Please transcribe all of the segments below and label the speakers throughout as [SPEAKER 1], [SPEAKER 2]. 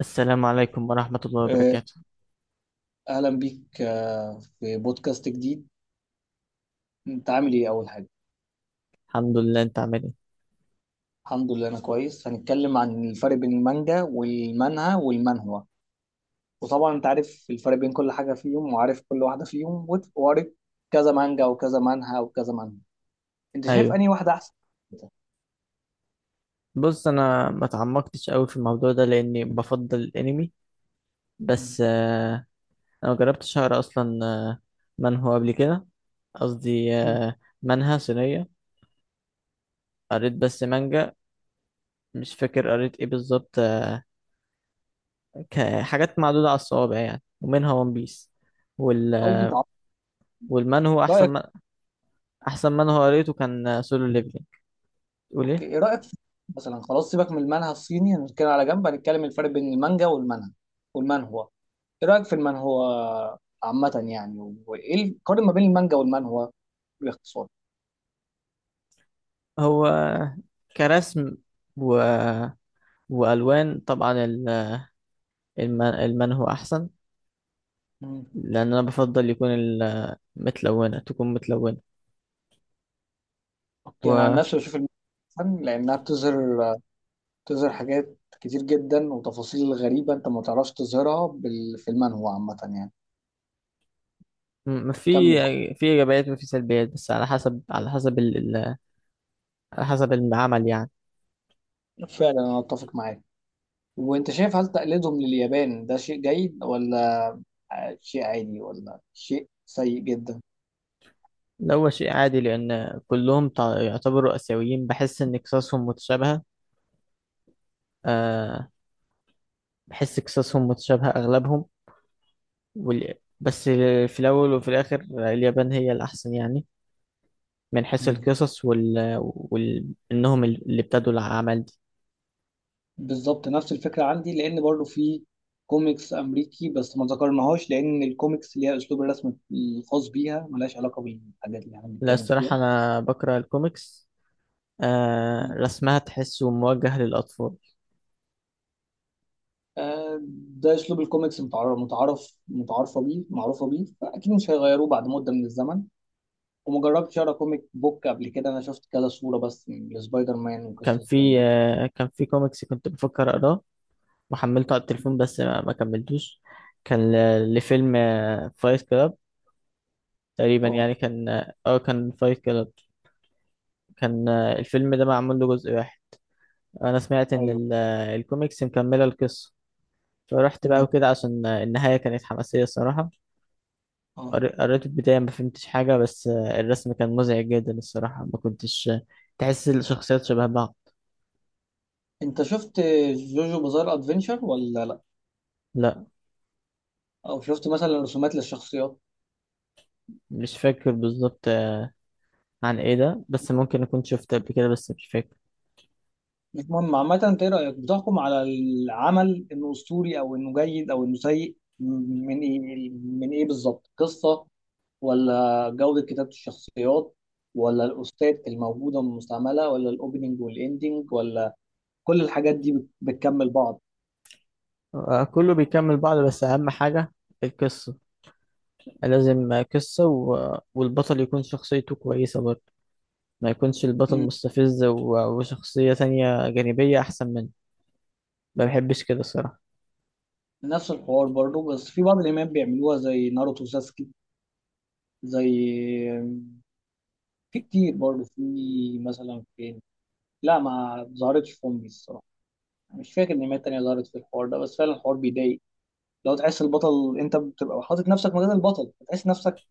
[SPEAKER 1] السلام عليكم ورحمة الله
[SPEAKER 2] آه،
[SPEAKER 1] وبركاته.
[SPEAKER 2] أهلا بيك في بودكاست جديد. أنت عامل إيه أول حاجة؟
[SPEAKER 1] الحمد لله، انت عامل ايه؟
[SPEAKER 2] الحمد لله، أنا كويس. هنتكلم عن الفرق بين المانجا والمانهوا والمانهوا. وطبعا أنت عارف الفرق بين كل حاجة فيهم وعارف كل واحدة فيهم، وقريت كذا مانجا وكذا مانهوا وكذا مانهوا. أنت شايف
[SPEAKER 1] ايوه.
[SPEAKER 2] أنهي واحدة أحسن؟
[SPEAKER 1] بص، انا ما اتعمقتش قوي في الموضوع ده لاني بفضل الانمي.
[SPEAKER 2] مم.
[SPEAKER 1] بس انا ما جربتش اقرا اصلا منهو قبل كده. قصدي منهى صينية. قريت بس مانجا. مش فاكر قريت ايه بالظبط حاجات معدودة على الصوابع يعني، ومنها ون بيس. وال
[SPEAKER 2] قصدي أنت،
[SPEAKER 1] والمانهو احسن
[SPEAKER 2] رأيك.
[SPEAKER 1] احسن منهو قريته كان سولو ليفلينج. تقول
[SPEAKER 2] أوكي،
[SPEAKER 1] ايه؟
[SPEAKER 2] إيه رأيك في- مثلا خلاص، سيبك من المانهوا الصيني. هنتكلم على جنب، هنتكلم الفرق بين المانجا والمانهوا والمانهوا. ايه رايك في المانهوا عامه يعني، وايه القارن ما بين المانجا والمانهوا باختصار؟
[SPEAKER 1] هو كرسم و... والوان طبعا، المنهو احسن.
[SPEAKER 2] مم.
[SPEAKER 1] لان انا بفضل يكون متلونه، تكون متلونه.
[SPEAKER 2] اوكي، انا عن
[SPEAKER 1] و
[SPEAKER 2] نفسي بشوف المانهوا لانها بتظهر حاجات كتير جدا وتفاصيل غريبه انت ما تعرفش تظهرها في المانهوا عامه يعني.
[SPEAKER 1] في
[SPEAKER 2] كمل.
[SPEAKER 1] في ايجابيات وفي سلبيات، بس على حسب العمل يعني.
[SPEAKER 2] فعلا انا اتفق معاك. وانت شايف هل تقليدهم لليابان ده شيء جيد، ولا شيء عادي، ولا شيء سيء جدا؟
[SPEAKER 1] لو هو شيء عادي لان كلهم يعتبروا اسيويين، بحس ان قصصهم متشابهه. أه بحس قصصهم متشابهه اغلبهم. وال... بس في الاول وفي الاخر اليابان هي الاحسن يعني، من حيث القصص انهم اللي ابتدوا العمل.
[SPEAKER 2] بالظبط نفس الفكرة عندي، لأن برضو في كوميكس أمريكي بس ما ذكرناهاش، لأن الكوميكس ليها أسلوب الرسم الخاص بيها، ملهاش علاقة بالحاجات اللي احنا
[SPEAKER 1] لا،
[SPEAKER 2] بنتكلم فيها.
[SPEAKER 1] الصراحة أنا بقرأ الكوميكس. آه
[SPEAKER 2] مم.
[SPEAKER 1] رسمها تحسه موجه للأطفال.
[SPEAKER 2] آه، ده أسلوب الكوميكس، متعارفة بيه، معروفة بيه، فأكيد مش هيغيروه بعد مدة من الزمن. وما جربتش أقرأ كوميك بوك قبل كده، أنا شفت كذا صورة بس لسبايدر مان
[SPEAKER 1] كان
[SPEAKER 2] وقصص زي
[SPEAKER 1] في
[SPEAKER 2] دي.
[SPEAKER 1] آه كان في كوميكس كنت بفكر أقراه وحملته على
[SPEAKER 2] مم.
[SPEAKER 1] التليفون، بس ما كملتوش. كان لفيلم فايت كلاب تقريبا،
[SPEAKER 2] أه.
[SPEAKER 1] يعني كان فايت كلاب. كان الفيلم ده معمول له جزء واحد. أنا سمعت إن
[SPEAKER 2] ايوه.
[SPEAKER 1] الكوميكس مكملة القصة. فرحت بقى
[SPEAKER 2] مم.
[SPEAKER 1] وكده، عشان النهاية كانت حماسية الصراحة.
[SPEAKER 2] أه.
[SPEAKER 1] قريت البداية ما فهمتش حاجة، بس الرسم كان مزعج جدا الصراحة، ما كنتش تحس الشخصيات شبه بعض.
[SPEAKER 2] أنت شفت جوجو بازار أدفنشر ولا لأ؟
[SPEAKER 1] لا،
[SPEAKER 2] أو شفت مثلا رسومات للشخصيات؟
[SPEAKER 1] مش فاكر بالظبط عن ايه ده، بس ممكن اكون شفت قبل كده بس مش فاكر.
[SPEAKER 2] مش مهم عامة. انت ايه رأيك، بتحكم على العمل انه اسطوري او انه جيد او انه سيء من ايه؟ من ايه بالظبط؟ قصة، ولا جودة كتابة الشخصيات، ولا الأستاذ الموجودة المستعملة، ولا الأوبننج والإندنج، ولا كل الحاجات دي بتكمل بعض؟
[SPEAKER 1] كله بيكمل بعض، بس اهم حاجة القصة. لازم قصة، والبطل يكون شخصيته كويسة برضه. ما يكونش البطل
[SPEAKER 2] مم.
[SPEAKER 1] مستفز وشخصية تانية جانبية احسن منه. ما بحبش كده الصراحة.
[SPEAKER 2] نفس الحوار برضه، بس في بعض الأنميات بيعملوها زي ناروتو ساسكي، زي، في كتير برضه، في مثلا فين. لا، ما ظهرتش في أمي الصراحة. مش فاكر أنميات تانية ظهرت في الحوار ده، بس فعلا الحوار بيضايق. لو تحس البطل، انت بتبقى حاطط نفسك مكان البطل، بتحس نفسك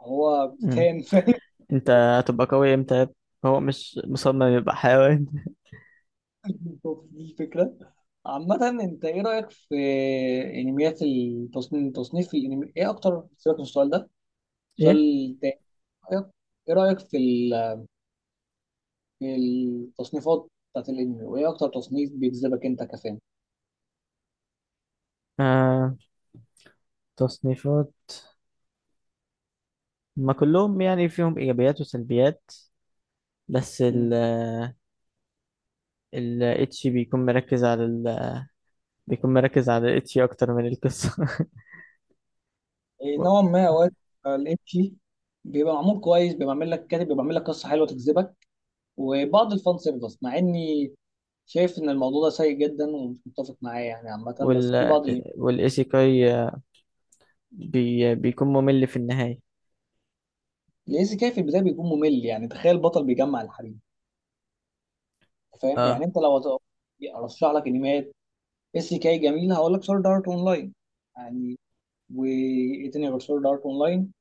[SPEAKER 2] هو
[SPEAKER 1] مم.
[SPEAKER 2] بتتهان فاهم؟
[SPEAKER 1] انت هتبقى قوي امتى؟ هو مش مصمم يبقى حيوان.
[SPEAKER 2] دي الفكره. عامة انت ايه رأيك في انميات التصنيف، تصنيف الانمي ايه اكتر؟ سيبك من السؤال ده،
[SPEAKER 1] ايه؟
[SPEAKER 2] السؤال تاني. ايه رأيك، في في التصنيفات بتاعت الانمي، وايه اكتر تصنيف بيجذبك انت كفان؟
[SPEAKER 1] آه تصنيفات. ما كلهم يعني فيهم ايجابيات وسلبيات. بس ال
[SPEAKER 2] مم.
[SPEAKER 1] ال اتش بيكون مركز على الاتش اكتر من القصه.
[SPEAKER 2] إيه نوعا ما، اوقات الانمي بيبقى معمول كويس، بيبقى عامل لك كاتب، بيبقى عامل لك قصة حلوة تجذبك، وبعض الفان سيرفيس، مع اني شايف ان الموضوع ده سيء جدا ومش متفق معاه يعني عامه، بس في
[SPEAKER 1] وال
[SPEAKER 2] بعض
[SPEAKER 1] والايسيكاي بيكون ممل في النهايه.
[SPEAKER 2] الايزي كاي في البدايه بيكون ممل. يعني تخيل بطل بيجمع الحريم. فاهم يعني؟
[SPEAKER 1] اه.
[SPEAKER 2] انت لو ارشح لك انميات اس كاي جميل، هقول لك سورد ارت اونلاين يعني. وايه تاني غير سورد ارت اونلاين؟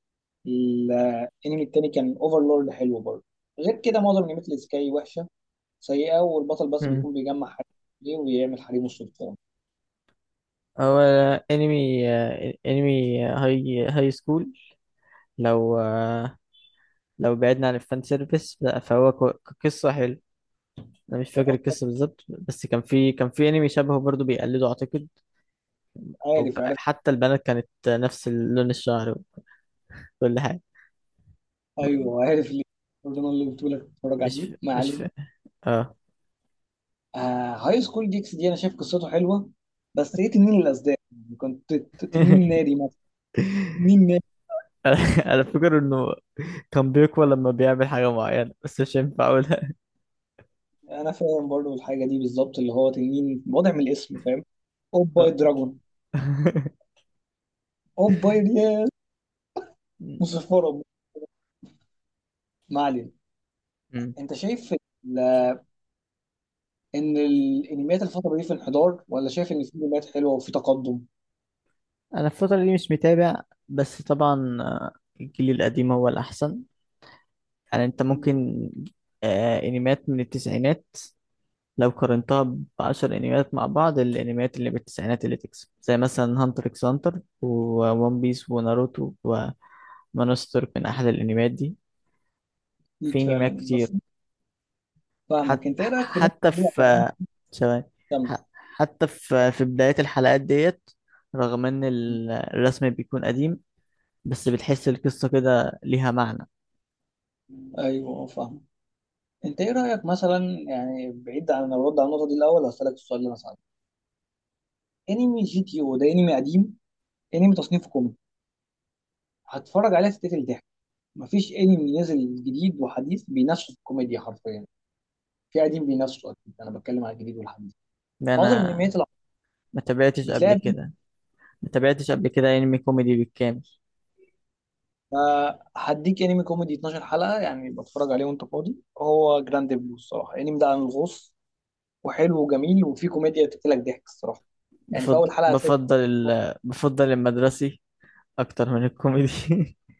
[SPEAKER 2] الانمي التاني كان اوفرلورد، حلو برضه. غير كده معظم انميات الاس كاي وحشه سيئه، والبطل بس
[SPEAKER 1] مم.
[SPEAKER 2] بيكون بيجمع حريم ليه، ويعمل حريمه السلطان.
[SPEAKER 1] هو انمي انمي هاي سكول، لو آه، لو بعدنا عن الفان سيرفيس لا، فهو قصه حلوه. انا مش فاكر القصه بالظبط، بس كان في انمي شبهه برضو بيقلده اعتقد.
[SPEAKER 2] عارف، عارف.
[SPEAKER 1] حتى البنات كانت نفس لون الشعر وكل حاجة.
[SPEAKER 2] ايوه عارف، ليه برضه انا اللي بتقول لك تتفرج
[SPEAKER 1] مش
[SPEAKER 2] عليه.
[SPEAKER 1] ف...
[SPEAKER 2] ما
[SPEAKER 1] مش ف...
[SPEAKER 2] علينا.
[SPEAKER 1] اه
[SPEAKER 2] آه، هاي سكول جيكس دي انا شايف قصته حلوه، بس ايه تنين الاسدان يعني؟ كنت تنين ناري مثلا. تنين ناري.
[SPEAKER 1] انا فاكر انه كان بيقوى لما بيعمل حاجة معينة، بس مش هينفع اقولها.
[SPEAKER 2] انا فاهم برضو الحاجه دي بالظبط، اللي هو تنين واضح من الاسم، فاهم؟ اوباي
[SPEAKER 1] آه.
[SPEAKER 2] دراجون. اوباي يا مصفره. ما علينا.
[SPEAKER 1] أمم.
[SPEAKER 2] انت شايف ان الانميات الفتره دي في انحدار، ولا شايف ان في انميات حلوه وفي تقدم؟
[SPEAKER 1] انا الفترة دي مش متابع، بس طبعا الجيل القديم هو الاحسن. يعني انت
[SPEAKER 2] مم.
[SPEAKER 1] ممكن انميات من التسعينات لو قارنتها بعشر انميات، مع بعض الانميات اللي بالتسعينات اللي تكسب زي مثلا هانتر اكس هانتر وون بيس وناروتو ومانستر من احلى الانميات دي.
[SPEAKER 2] اكيد
[SPEAKER 1] في
[SPEAKER 2] فعلا،
[SPEAKER 1] انميات
[SPEAKER 2] بس
[SPEAKER 1] كتير. حت...
[SPEAKER 2] فاهمك. انت ايه رايك في الناس
[SPEAKER 1] حتى
[SPEAKER 2] اللي بتقول على العالم
[SPEAKER 1] في ثواني
[SPEAKER 2] الشامل؟
[SPEAKER 1] ح- حتى في بداية الحلقات ديت، رغم ان الرسم بيكون قديم، بس بتحس القصة كده ليها معنى.
[SPEAKER 2] ايوه فاهم. انت ايه رايك مثلا، يعني بعيد عن الرد على النقطه دي الاول هسالك السؤال ده. مثلا انمي جي تي او ده انمي قديم، انمي تصنيفه كوميدي، هتفرج عليه تتقتل ضحك. مفيش انمي نزل جديد وحديث بينافسوا في الكوميديا حرفيا. في قديم بينافسوا اكيد، انا بتكلم على الجديد والحديث.
[SPEAKER 1] انا
[SPEAKER 2] معظم الانميات اللي
[SPEAKER 1] ما تابعتش قبل
[SPEAKER 2] بتلاقي.
[SPEAKER 1] كده، ما تابعتش قبل كده انمي كوميدي بالكامل.
[SPEAKER 2] هديك انمي كوميدي 12 حلقه يعني، بتفرج عليه وانت فاضي. هو جراند بلو الصراحه، الانمي ده عن الغوص، وحلو وجميل، وفيه كوميديا تقتلك ضحك الصراحه. يعني في اول حلقه هتلاقي
[SPEAKER 1] بفضل المدرسي اكتر من الكوميدي.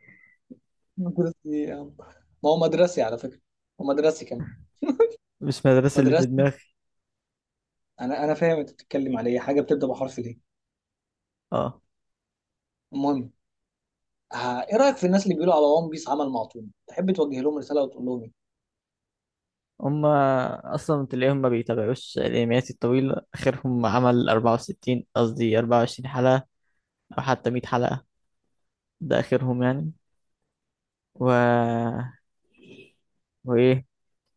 [SPEAKER 2] مدرسي إيه يا عم؟ ما هو مدرسي على فكره، ومدرسي كمان.
[SPEAKER 1] مش مدرسة اللي في
[SPEAKER 2] مدرسي.
[SPEAKER 1] دماغي.
[SPEAKER 2] انا فاهم انت بتتكلم على ايه، حاجه بتبدا بحرف ليه.
[SPEAKER 1] اه.
[SPEAKER 2] المهم. ايه رايك في الناس اللي بيقولوا على ون بيس عمل معطوب؟ تحب توجه لهم رساله وتقول لهم ايه؟
[SPEAKER 1] هما اصلا تلاقيهم ما بيتابعوش الانميات الطويلة. اخرهم عمل 64 قصدي 24 حلقة، او حتى 100 حلقة ده اخرهم يعني. و وايه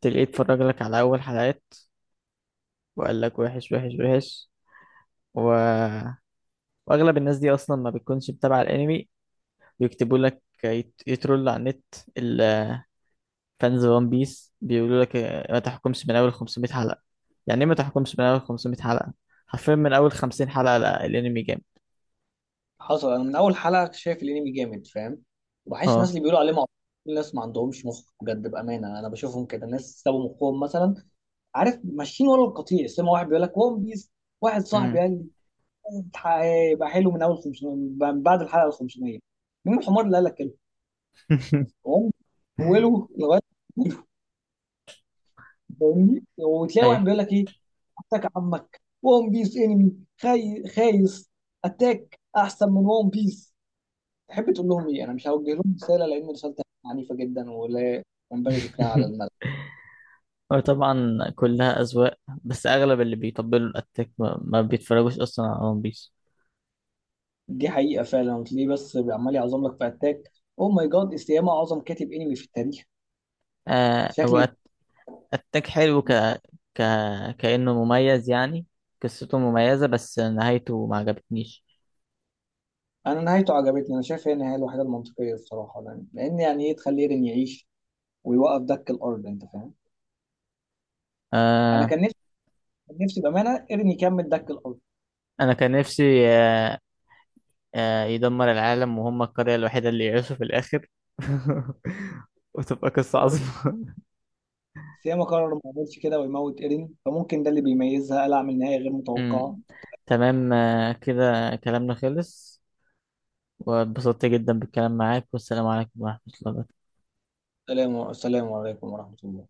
[SPEAKER 1] تلاقيه اتفرج لك على اول حلقات وقال لك وحش وحش وحش، و... واغلب الناس دي اصلا ما بتكونش متابعة الانمي. بيكتبوا لك يترول على النت. فانز ون بيس بيقولوا لك ما تحكمش من اول 500 حلقة. يعني ايه ما تحكمش من اول 500 حلقة؟ حرفيا من اول 50 حلقة، لا الانمي جامد.
[SPEAKER 2] حصل، انا من اول حلقه شايف الانمي جامد فاهم. وبحس الناس
[SPEAKER 1] اه.
[SPEAKER 2] اللي بيقولوا عليه معطوب الناس ما عندهمش مخ بجد بامانه، انا بشوفهم كده ناس سابوا مخهم مثلا. عارف، ماشيين ورا القطيع سمع واحد بيقول لك ون بيس. واحد صاحبي
[SPEAKER 1] مم.
[SPEAKER 2] قال لي هيبقى حلو من اول 500، من بعد الحلقه ال 500. مين الحمار اللي قال لك كده؟ ون بيس، اوله لغايه فاهمني؟ وتلاقي واحد
[SPEAKER 1] ايوه.
[SPEAKER 2] بيقول لك ايه، اتاك عمك، ون بيس انمي خايس، اتاك احسن من ون بيس. تحب تقول لهم ايه؟ انا مش هوجه لهم رساله لان رسالتي عنيفه جدا ولا ينبغي ذكرها على الملأ.
[SPEAKER 1] وطبعا كلها أذواق، بس أغلب اللي بيطبلوا الأتاك ما بيتفرجوش أصلا على ون بيس.
[SPEAKER 2] دي حقيقه فعلا، وتلاقيه بس عمال يعظم لك في اتاك، او ماي جاد استياما اعظم كاتب انمي في التاريخ
[SPEAKER 1] آه
[SPEAKER 2] شكلي.
[SPEAKER 1] هو أت- أتاك حلو ك... كأنه مميز يعني. قصته مميزة، بس نهايته ما عجبتنيش.
[SPEAKER 2] انا نهايته عجبتني، انا شايف هي النهايه الوحيده المنطقيه بصراحه يعني. لان يعني ايه تخلي ايرين يعيش ويوقف دك الارض، انت فاهم. انا
[SPEAKER 1] آه.
[SPEAKER 2] كان نفسي بامانه ايرين يكمل دك
[SPEAKER 1] أنا كان نفسي يدمر العالم وهم القرية الوحيدة اللي يعيشوا في الآخر. وتبقى قصة
[SPEAKER 2] الارض.
[SPEAKER 1] عظيمة.
[SPEAKER 2] سيما قرر ما يعملش كده ويموت ايرين، فممكن ده اللي بيميزها، قال اعمل نهاية غير متوقعة.
[SPEAKER 1] أمم. تمام كده كلامنا خلص، واتبسطت جدا بالكلام معاك. والسلام عليكم ورحمة الله وبركاته.
[SPEAKER 2] سلام، سلام عليكم ورحمة الله.